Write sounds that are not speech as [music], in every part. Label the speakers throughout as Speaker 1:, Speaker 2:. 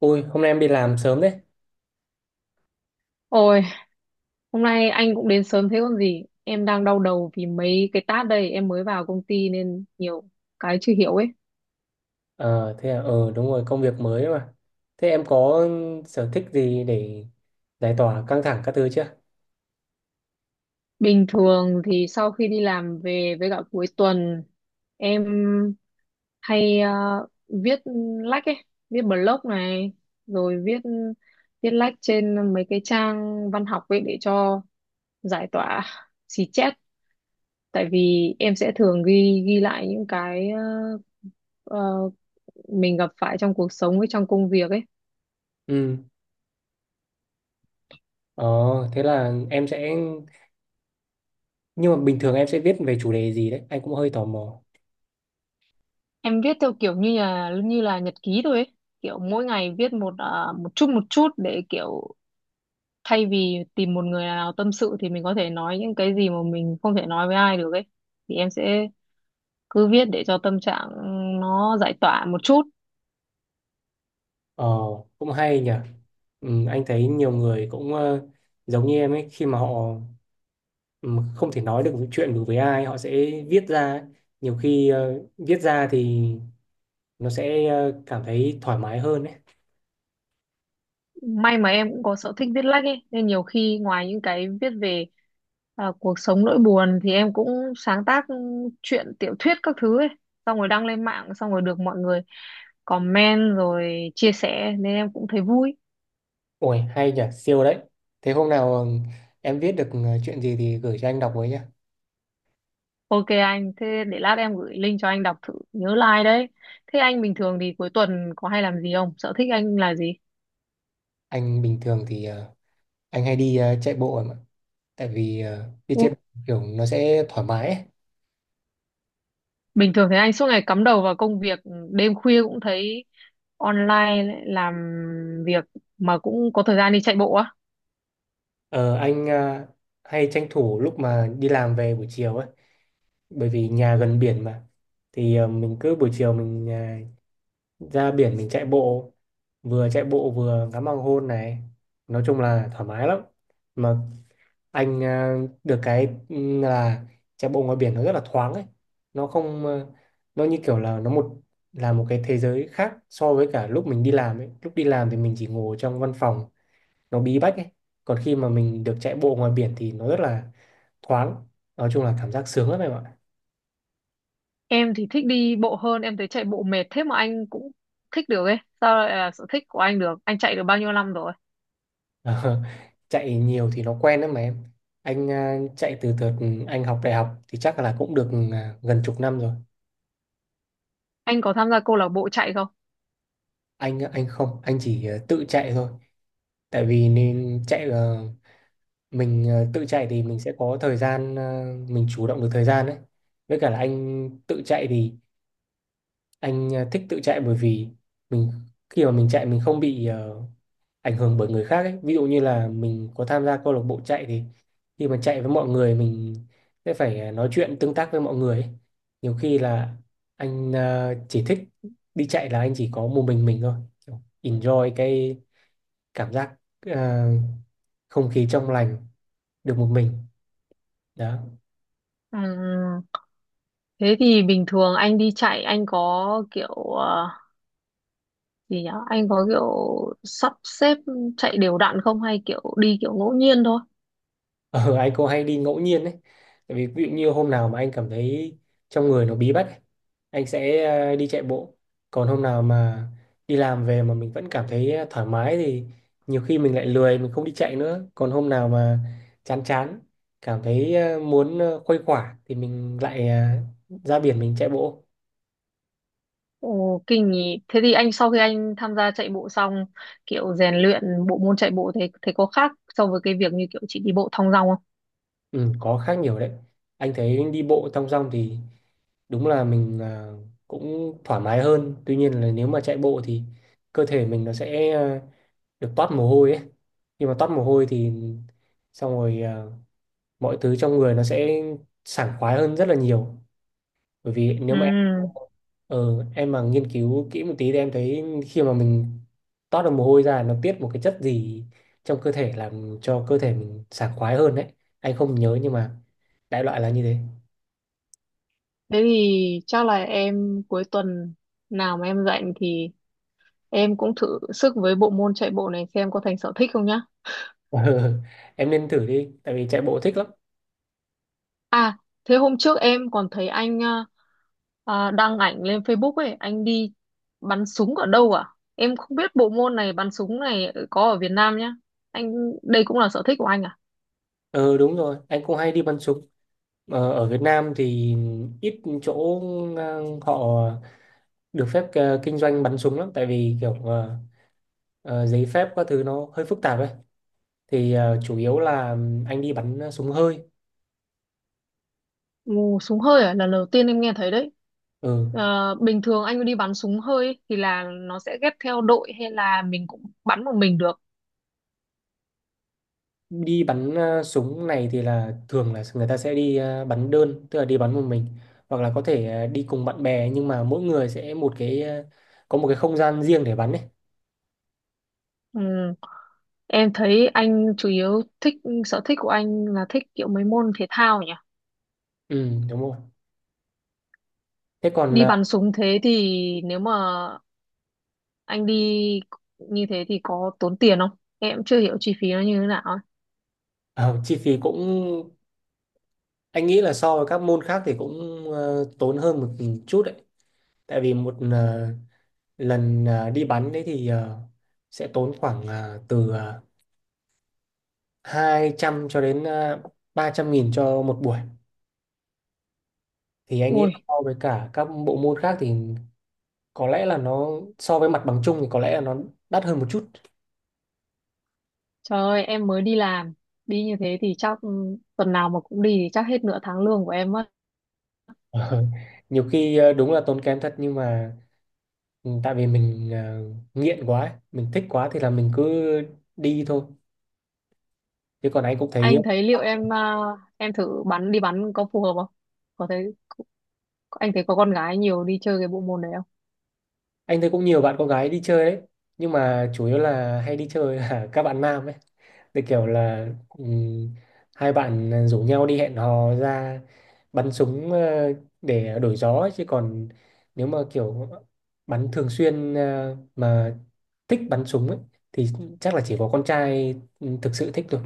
Speaker 1: Ui, hôm nay em đi làm sớm đấy.
Speaker 2: Ôi, hôm nay anh cũng đến sớm thế còn gì. Em đang đau đầu vì mấy cái task đây, em mới vào công ty nên nhiều cái chưa hiểu ấy.
Speaker 1: Ờ, thế à, đúng rồi, công việc mới ấy mà. Thế em có sở thích gì để giải tỏa căng thẳng các thứ chưa?
Speaker 2: Bình thường thì sau khi đi làm về với cả cuối tuần, em hay viết lách ấy, viết blog này, rồi viết viết lách trên mấy cái trang văn học ấy để cho giải tỏa xì chét. Tại vì em sẽ thường ghi ghi lại những cái ờ, mình gặp phải trong cuộc sống với trong công việc ấy.
Speaker 1: Ừ. ờ, thế là em sẽ... Nhưng mà bình thường em sẽ viết về chủ đề gì đấy? Anh cũng hơi tò mò.
Speaker 2: Em viết theo kiểu như là nhật ký thôi ấy, kiểu mỗi ngày viết một chút để kiểu thay vì tìm một người nào tâm sự, thì mình có thể nói những cái gì mà mình không thể nói với ai được ấy, thì em sẽ cứ viết để cho tâm trạng nó giải tỏa một chút.
Speaker 1: Ờ, cũng hay nhỉ. Ừ, anh thấy nhiều người cũng giống như em ấy, khi mà họ ừ, không thể nói được chuyện được với ai, họ sẽ viết ra ấy. Nhiều khi viết ra thì nó sẽ cảm thấy thoải mái hơn ấy.
Speaker 2: May mà em cũng có sở thích viết lách ấy, nên nhiều khi ngoài những cái viết về cuộc sống, nỗi buồn thì em cũng sáng tác truyện, tiểu thuyết các thứ ấy, xong rồi đăng lên mạng, xong rồi được mọi người comment rồi chia sẻ nên em cũng thấy vui.
Speaker 1: Ôi hay nhỉ, siêu đấy. Thế hôm nào em viết được chuyện gì thì gửi cho anh đọc với nhá.
Speaker 2: OK anh, thế để lát em gửi link cho anh đọc thử, nhớ like đấy. Thế anh bình thường thì cuối tuần có hay làm gì không, sở thích anh là gì?
Speaker 1: Anh bình thường thì anh hay đi chạy bộ em ạ. Tại vì đi chạy bộ kiểu nó sẽ thoải mái ấy.
Speaker 2: Bình thường thấy anh suốt ngày cắm đầu vào công việc, đêm khuya cũng thấy online lại làm việc, mà cũng có thời gian đi chạy bộ á.
Speaker 1: Ờ, anh hay tranh thủ lúc mà đi làm về buổi chiều ấy, bởi vì nhà gần biển mà. Thì mình cứ buổi chiều mình ờ, ra biển mình chạy bộ vừa ngắm hoàng hôn này. Nói chung là thoải mái lắm. Mà anh à, được cái là chạy bộ ngoài biển nó rất là thoáng ấy. Nó không à, nó như kiểu là nó một là một cái thế giới khác so với cả lúc mình đi làm ấy. Lúc đi làm thì mình chỉ ngồi trong văn phòng nó bí bách ấy. Còn khi mà mình được chạy bộ ngoài biển thì nó rất là thoáng. Nói chung là cảm giác sướng lắm em ạ. [laughs]
Speaker 2: Em thì thích đi bộ hơn, em thấy chạy bộ mệt thế mà anh cũng thích được ấy. Sao lại là sở thích của anh được? Anh chạy được bao nhiêu năm rồi?
Speaker 1: Ờ, chạy nhiều thì nó quen đấy mà em. Anh à, chạy từ từ. Anh học đại học thì chắc là cũng được à, gần chục năm rồi.
Speaker 2: Anh có tham gia câu lạc bộ chạy không?
Speaker 1: Anh không, anh chỉ à, tự chạy thôi. Tại vì nên chạy mình tự chạy thì mình sẽ có thời gian mình chủ động được thời gian đấy. Với cả là anh tự chạy thì anh thích tự chạy, bởi vì mình khi mà mình chạy mình không bị ảnh hưởng bởi người khác ấy, ví dụ như là mình có tham gia câu lạc bộ chạy thì khi mà chạy với mọi người mình sẽ phải nói chuyện tương tác với mọi người ấy. Nhiều khi là anh chỉ thích đi chạy là anh chỉ có một mình thôi. Kiểu enjoy cái cảm giác ờ, không khí trong lành, được một mình đó.
Speaker 2: Ừm, thế thì bình thường anh đi chạy anh có kiểu gì nhỉ? Anh có kiểu sắp xếp chạy đều đặn không hay kiểu đi kiểu ngẫu nhiên thôi?
Speaker 1: Ờ, [laughs] anh cũng hay đi ngẫu nhiên đấy. Tại vì ví dụ như hôm nào mà anh cảm thấy trong người nó bí bách ấy, anh sẽ đi chạy bộ. Còn hôm nào mà đi làm về mà mình vẫn cảm thấy thoải mái thì nhiều khi mình lại lười, mình không đi chạy nữa. Còn hôm nào mà chán chán, cảm thấy muốn khuây khỏa thì mình lại ra biển mình chạy bộ.
Speaker 2: Ồ, kinh nhỉ. Thế thì anh sau khi anh tham gia chạy bộ xong, kiểu rèn luyện bộ môn chạy bộ thế thế có khác so với cái việc như kiểu chị đi bộ thong dong không?
Speaker 1: Ừ, có khác nhiều đấy. Anh thấy đi bộ thong dong thì đúng là mình cũng thoải mái hơn. Tuy nhiên là nếu mà chạy bộ thì cơ thể mình nó sẽ được toát mồ hôi ấy, nhưng mà toát mồ hôi thì xong rồi à, mọi thứ trong người nó sẽ sảng khoái hơn rất là nhiều. Bởi vì
Speaker 2: Ừ,
Speaker 1: nếu mà em mà nghiên cứu kỹ một tí thì em thấy khi mà mình toát được mồ hôi ra nó tiết một cái chất gì trong cơ thể làm cho cơ thể mình sảng khoái hơn đấy. Anh không nhớ nhưng mà đại loại là như thế. [laughs]
Speaker 2: thế thì chắc là em cuối tuần nào mà em rảnh thì em cũng thử sức với bộ môn chạy bộ này xem có thành sở thích không nhá.
Speaker 1: Ờ, em nên thử đi, tại vì chạy bộ thích lắm.
Speaker 2: À, thế hôm trước em còn thấy anh đăng ảnh lên Facebook ấy, anh đi bắn súng ở đâu à? Em không biết bộ môn này, bắn súng này có ở Việt Nam nhá. Anh đây cũng là sở thích của anh à?
Speaker 1: Ờ Đúng rồi, anh cũng hay đi bắn súng. Ở Việt Nam thì ít chỗ họ được phép kinh doanh bắn súng lắm, tại vì kiểu giấy phép các thứ nó hơi phức tạp ấy. Thì chủ yếu là anh đi bắn súng hơi.
Speaker 2: Ồ, súng hơi à? Lần đầu tiên em nghe thấy đấy.
Speaker 1: Ừ.
Speaker 2: Ờ, bình thường anh đi bắn súng hơi ấy, thì là nó sẽ ghép theo đội hay là mình cũng bắn một mình được.
Speaker 1: Đi bắn súng này thì là thường là người ta sẽ đi bắn đơn, tức là đi bắn một mình, hoặc là có thể đi cùng bạn bè, nhưng mà mỗi người sẽ một cái có một cái không gian riêng để bắn ấy.
Speaker 2: Ừ. Em thấy anh chủ yếu thích, sở thích của anh là thích kiểu mấy môn thể thao nhỉ?
Speaker 1: Ừ, đúng rồi. Thế còn
Speaker 2: Đi bắn súng thế thì nếu mà anh đi như thế thì có tốn tiền không? Em chưa hiểu chi phí nó như thế nào ấy.
Speaker 1: ờ, chi phí cũng anh nghĩ là so với các môn khác thì cũng tốn hơn một chút đấy. Tại vì một lần à, đi bắn đấy thì à, sẽ tốn khoảng à, từ à, 200 cho đến à, 300.000 cho một buổi. Thì anh nghĩ là
Speaker 2: Ui,
Speaker 1: so với cả các bộ môn khác thì có lẽ là nó so với mặt bằng chung thì có lẽ là nó đắt hơn một chút. [laughs]
Speaker 2: trời ơi, em mới đi làm, đi như thế thì chắc ừ, tuần nào mà cũng đi thì chắc hết nửa tháng lương của em mất.
Speaker 1: Ờ, nhiều khi à, đúng là tốn kém thật, nhưng mà tại vì mình à, nghiện quá ấy, mình thích quá thì là mình cứ đi thôi. Chứ còn
Speaker 2: Anh thấy liệu em thử bắn, đi bắn có phù hợp không, có thấy, anh thấy có con gái nhiều đi chơi cái bộ môn đấy không?
Speaker 1: anh thấy cũng nhiều bạn con gái đi chơi đấy, nhưng mà chủ yếu là hay đi chơi là [laughs] các bạn nam ấy. Cái kiểu là hai bạn rủ nhau đi hẹn hò ra bắn súng để đổi gió ấy. Chứ còn nếu mà kiểu bắn thường xuyên mà thích bắn súng ấy, thì chắc là chỉ có con trai thực sự thích thôi.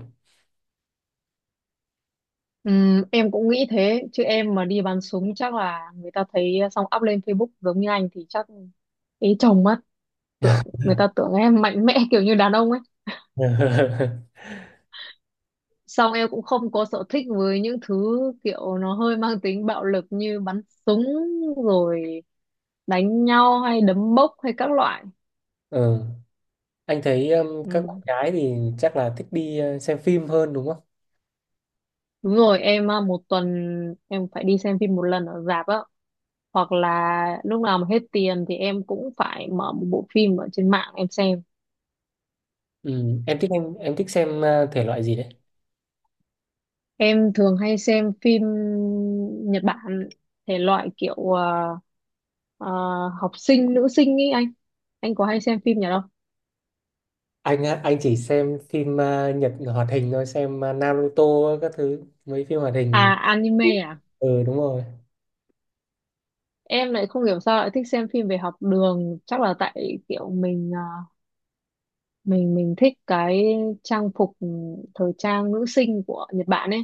Speaker 2: Em cũng nghĩ thế, chứ em mà đi bắn súng chắc là người ta thấy xong up lên Facebook giống như anh thì chắc ý chồng mất, tưởng, người ta tưởng em mạnh mẽ [laughs] kiểu như đàn ông ấy.
Speaker 1: [laughs]
Speaker 2: Xong em cũng không có sở thích với những thứ kiểu nó hơi mang tính bạo lực như bắn súng, rồi đánh nhau hay đấm bốc hay các loại.
Speaker 1: Ừ. Anh thấy các bạn
Speaker 2: Ừm,
Speaker 1: gái thì chắc là thích đi xem phim hơn đúng không?
Speaker 2: Đúng rồi, một tuần em phải đi xem phim một lần ở rạp á. Hoặc là lúc nào mà hết tiền thì em cũng phải mở một bộ phim ở trên mạng em xem.
Speaker 1: Ừ. Em thích xem thể loại gì đấy?
Speaker 2: Em thường hay xem phim Nhật Bản, thể loại kiểu à, học sinh, nữ sinh ý anh. Anh có hay xem phim nhà đâu?
Speaker 1: Anh á, anh chỉ xem phim Nhật hoạt hình thôi, xem Naruto các thứ, mấy phim hoạt hình.
Speaker 2: À, anime à?
Speaker 1: Ừ đúng rồi.
Speaker 2: Em lại không hiểu sao lại thích xem phim về học đường. Chắc là tại kiểu mình thích cái trang phục, thời trang nữ sinh của Nhật Bản ấy,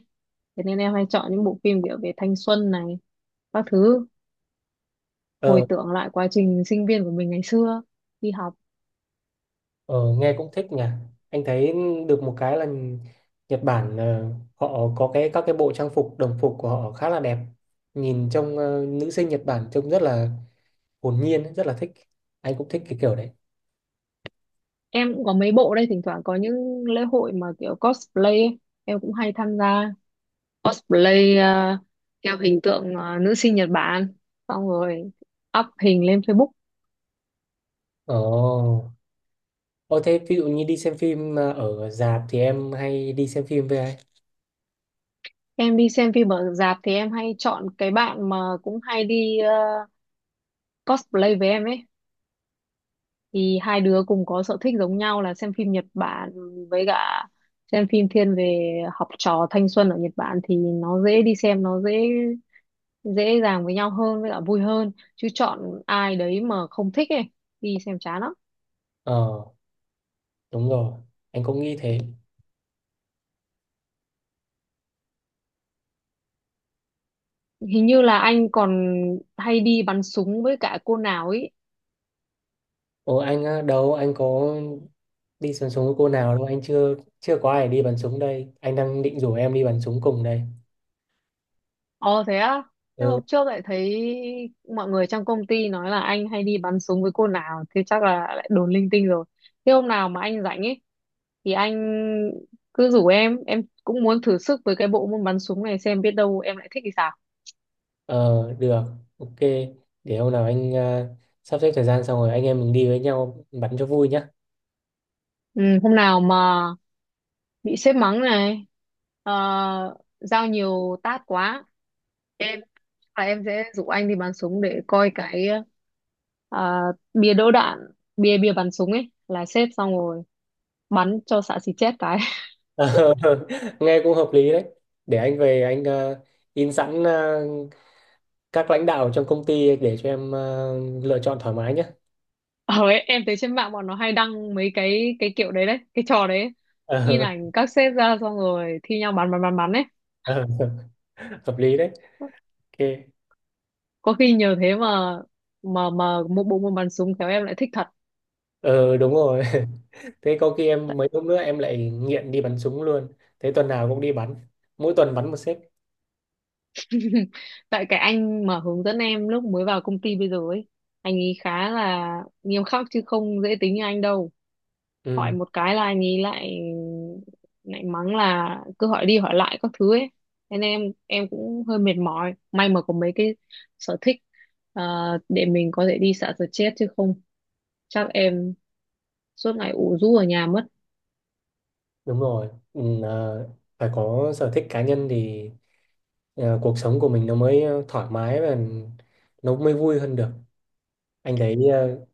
Speaker 2: thế nên em hay chọn những bộ phim kiểu về thanh xuân này các thứ, hồi
Speaker 1: ờ
Speaker 2: tưởng lại quá trình sinh viên của mình ngày xưa đi học.
Speaker 1: ờ Nghe cũng thích nhỉ. Anh thấy được một cái là Nhật Bản họ có cái các cái bộ trang phục đồng phục của họ khá là đẹp, nhìn trông nữ sinh Nhật Bản trông rất là hồn nhiên, rất là thích. Anh cũng thích cái kiểu đấy.
Speaker 2: Em cũng có mấy bộ đây, thỉnh thoảng có những lễ hội mà kiểu cosplay ấy. Em cũng hay tham gia cosplay theo hình tượng nữ sinh Nhật Bản, xong rồi up hình lên Facebook.
Speaker 1: Ồ Ồ thế ví dụ như đi xem phim ở rạp thì em hay đi xem phim với ai?
Speaker 2: Em đi xem phim ở rạp thì em hay chọn cái bạn mà cũng hay đi cosplay với em ấy, thì hai đứa cùng có sở thích giống nhau là xem phim Nhật Bản, với cả xem phim thiên về học trò thanh xuân ở Nhật Bản, thì nó dễ đi xem, nó dễ dễ dàng với nhau hơn, với cả vui hơn, chứ chọn ai đấy mà không thích ấy đi xem chán lắm.
Speaker 1: Ờ đúng rồi, anh cũng nghĩ thế.
Speaker 2: Hình như là anh còn hay đi bắn súng với cả cô nào ấy.
Speaker 1: Ồ anh á, đâu anh có đi bắn súng với cô nào đâu, anh chưa chưa có ai đi bắn súng đây, anh đang định rủ em đi bắn súng cùng đây.
Speaker 2: Ồ thế á, thế
Speaker 1: Ừ.
Speaker 2: hôm trước lại thấy mọi người trong công ty nói là anh hay đi bắn súng với cô nào, thế chắc là lại đồn linh tinh rồi. Thế hôm nào mà anh rảnh ấy, thì anh cứ rủ em cũng muốn thử sức với cái bộ môn bắn súng này xem biết đâu em lại thích thì sao.
Speaker 1: ờ Được, ok, để hôm nào anh à, sắp xếp thời gian xong rồi anh em mình đi với nhau bắn cho vui nhá. [laughs]
Speaker 2: Ừ, hôm nào mà bị sếp mắng này, ờ, giao nhiều task quá, em chắc là em sẽ rủ anh đi bắn súng để coi cái ờ, bia đỡ đạn, bia bia bắn súng ấy là xếp, xong rồi bắn cho xạ xì chết cái.
Speaker 1: Ờ, nghe cũng hợp lý đấy, để anh về anh à, in sẵn à, các lãnh đạo trong công ty để cho em à, lựa chọn thoải mái nhé.
Speaker 2: [laughs] Ờ ấy, em thấy trên mạng bọn nó hay đăng mấy cái kiểu đấy đấy cái trò đấy ấy. In
Speaker 1: [laughs]
Speaker 2: ảnh các sếp ra xong rồi thi nhau bắn bắn bắn bắn ấy.
Speaker 1: Hợp lý đấy. Ok.
Speaker 2: Có khi nhờ thế mà một bộ môn bắn súng khéo em lại thích thật.
Speaker 1: Ờ Đúng rồi. [laughs] Thế có khi em
Speaker 2: tại,
Speaker 1: mấy hôm nữa em lại nghiện đi bắn súng luôn. Thế tuần nào cũng đi bắn, mỗi tuần bắn một xếp.
Speaker 2: [laughs] tại cái anh mà hướng dẫn em lúc mới vào công ty bây giờ ấy, anh ấy khá là nghiêm khắc, chứ không dễ tính như anh đâu. Hỏi
Speaker 1: Ừ
Speaker 2: một cái là anh ấy lại lại mắng là cứ hỏi đi hỏi lại các thứ ấy, thế nên em cũng hơi mệt mỏi, may mà có mấy cái sở thích ờ, để mình có thể đi xả stress, chứ không chắc em suốt ngày ủ rũ ở nhà mất.
Speaker 1: đúng rồi. Ừ, phải có sở thích cá nhân thì cuộc sống của mình nó mới thoải mái và nó mới vui hơn được. Anh thấy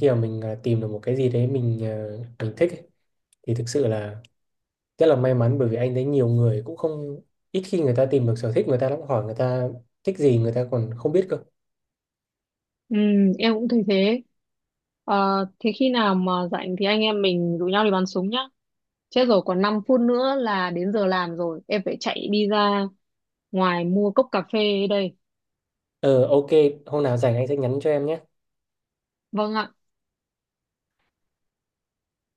Speaker 1: khi mà mình tìm được một cái gì đấy mình thích ấy, thì thực sự là rất là may mắn. Bởi vì anh thấy nhiều người cũng không ít khi người ta tìm được sở thích người ta lắm, hỏi người ta thích gì người ta còn không biết cơ.
Speaker 2: Ừ, em cũng thấy thế. Ờ, thế khi nào mà rảnh thì anh em mình rủ nhau đi bắn súng nhá. Chết rồi, còn 5 phút nữa là đến giờ làm rồi, em phải chạy đi ra ngoài mua cốc cà phê đây.
Speaker 1: Ờ ok, hôm nào rảnh anh sẽ nhắn cho em nhé.
Speaker 2: Vâng ạ.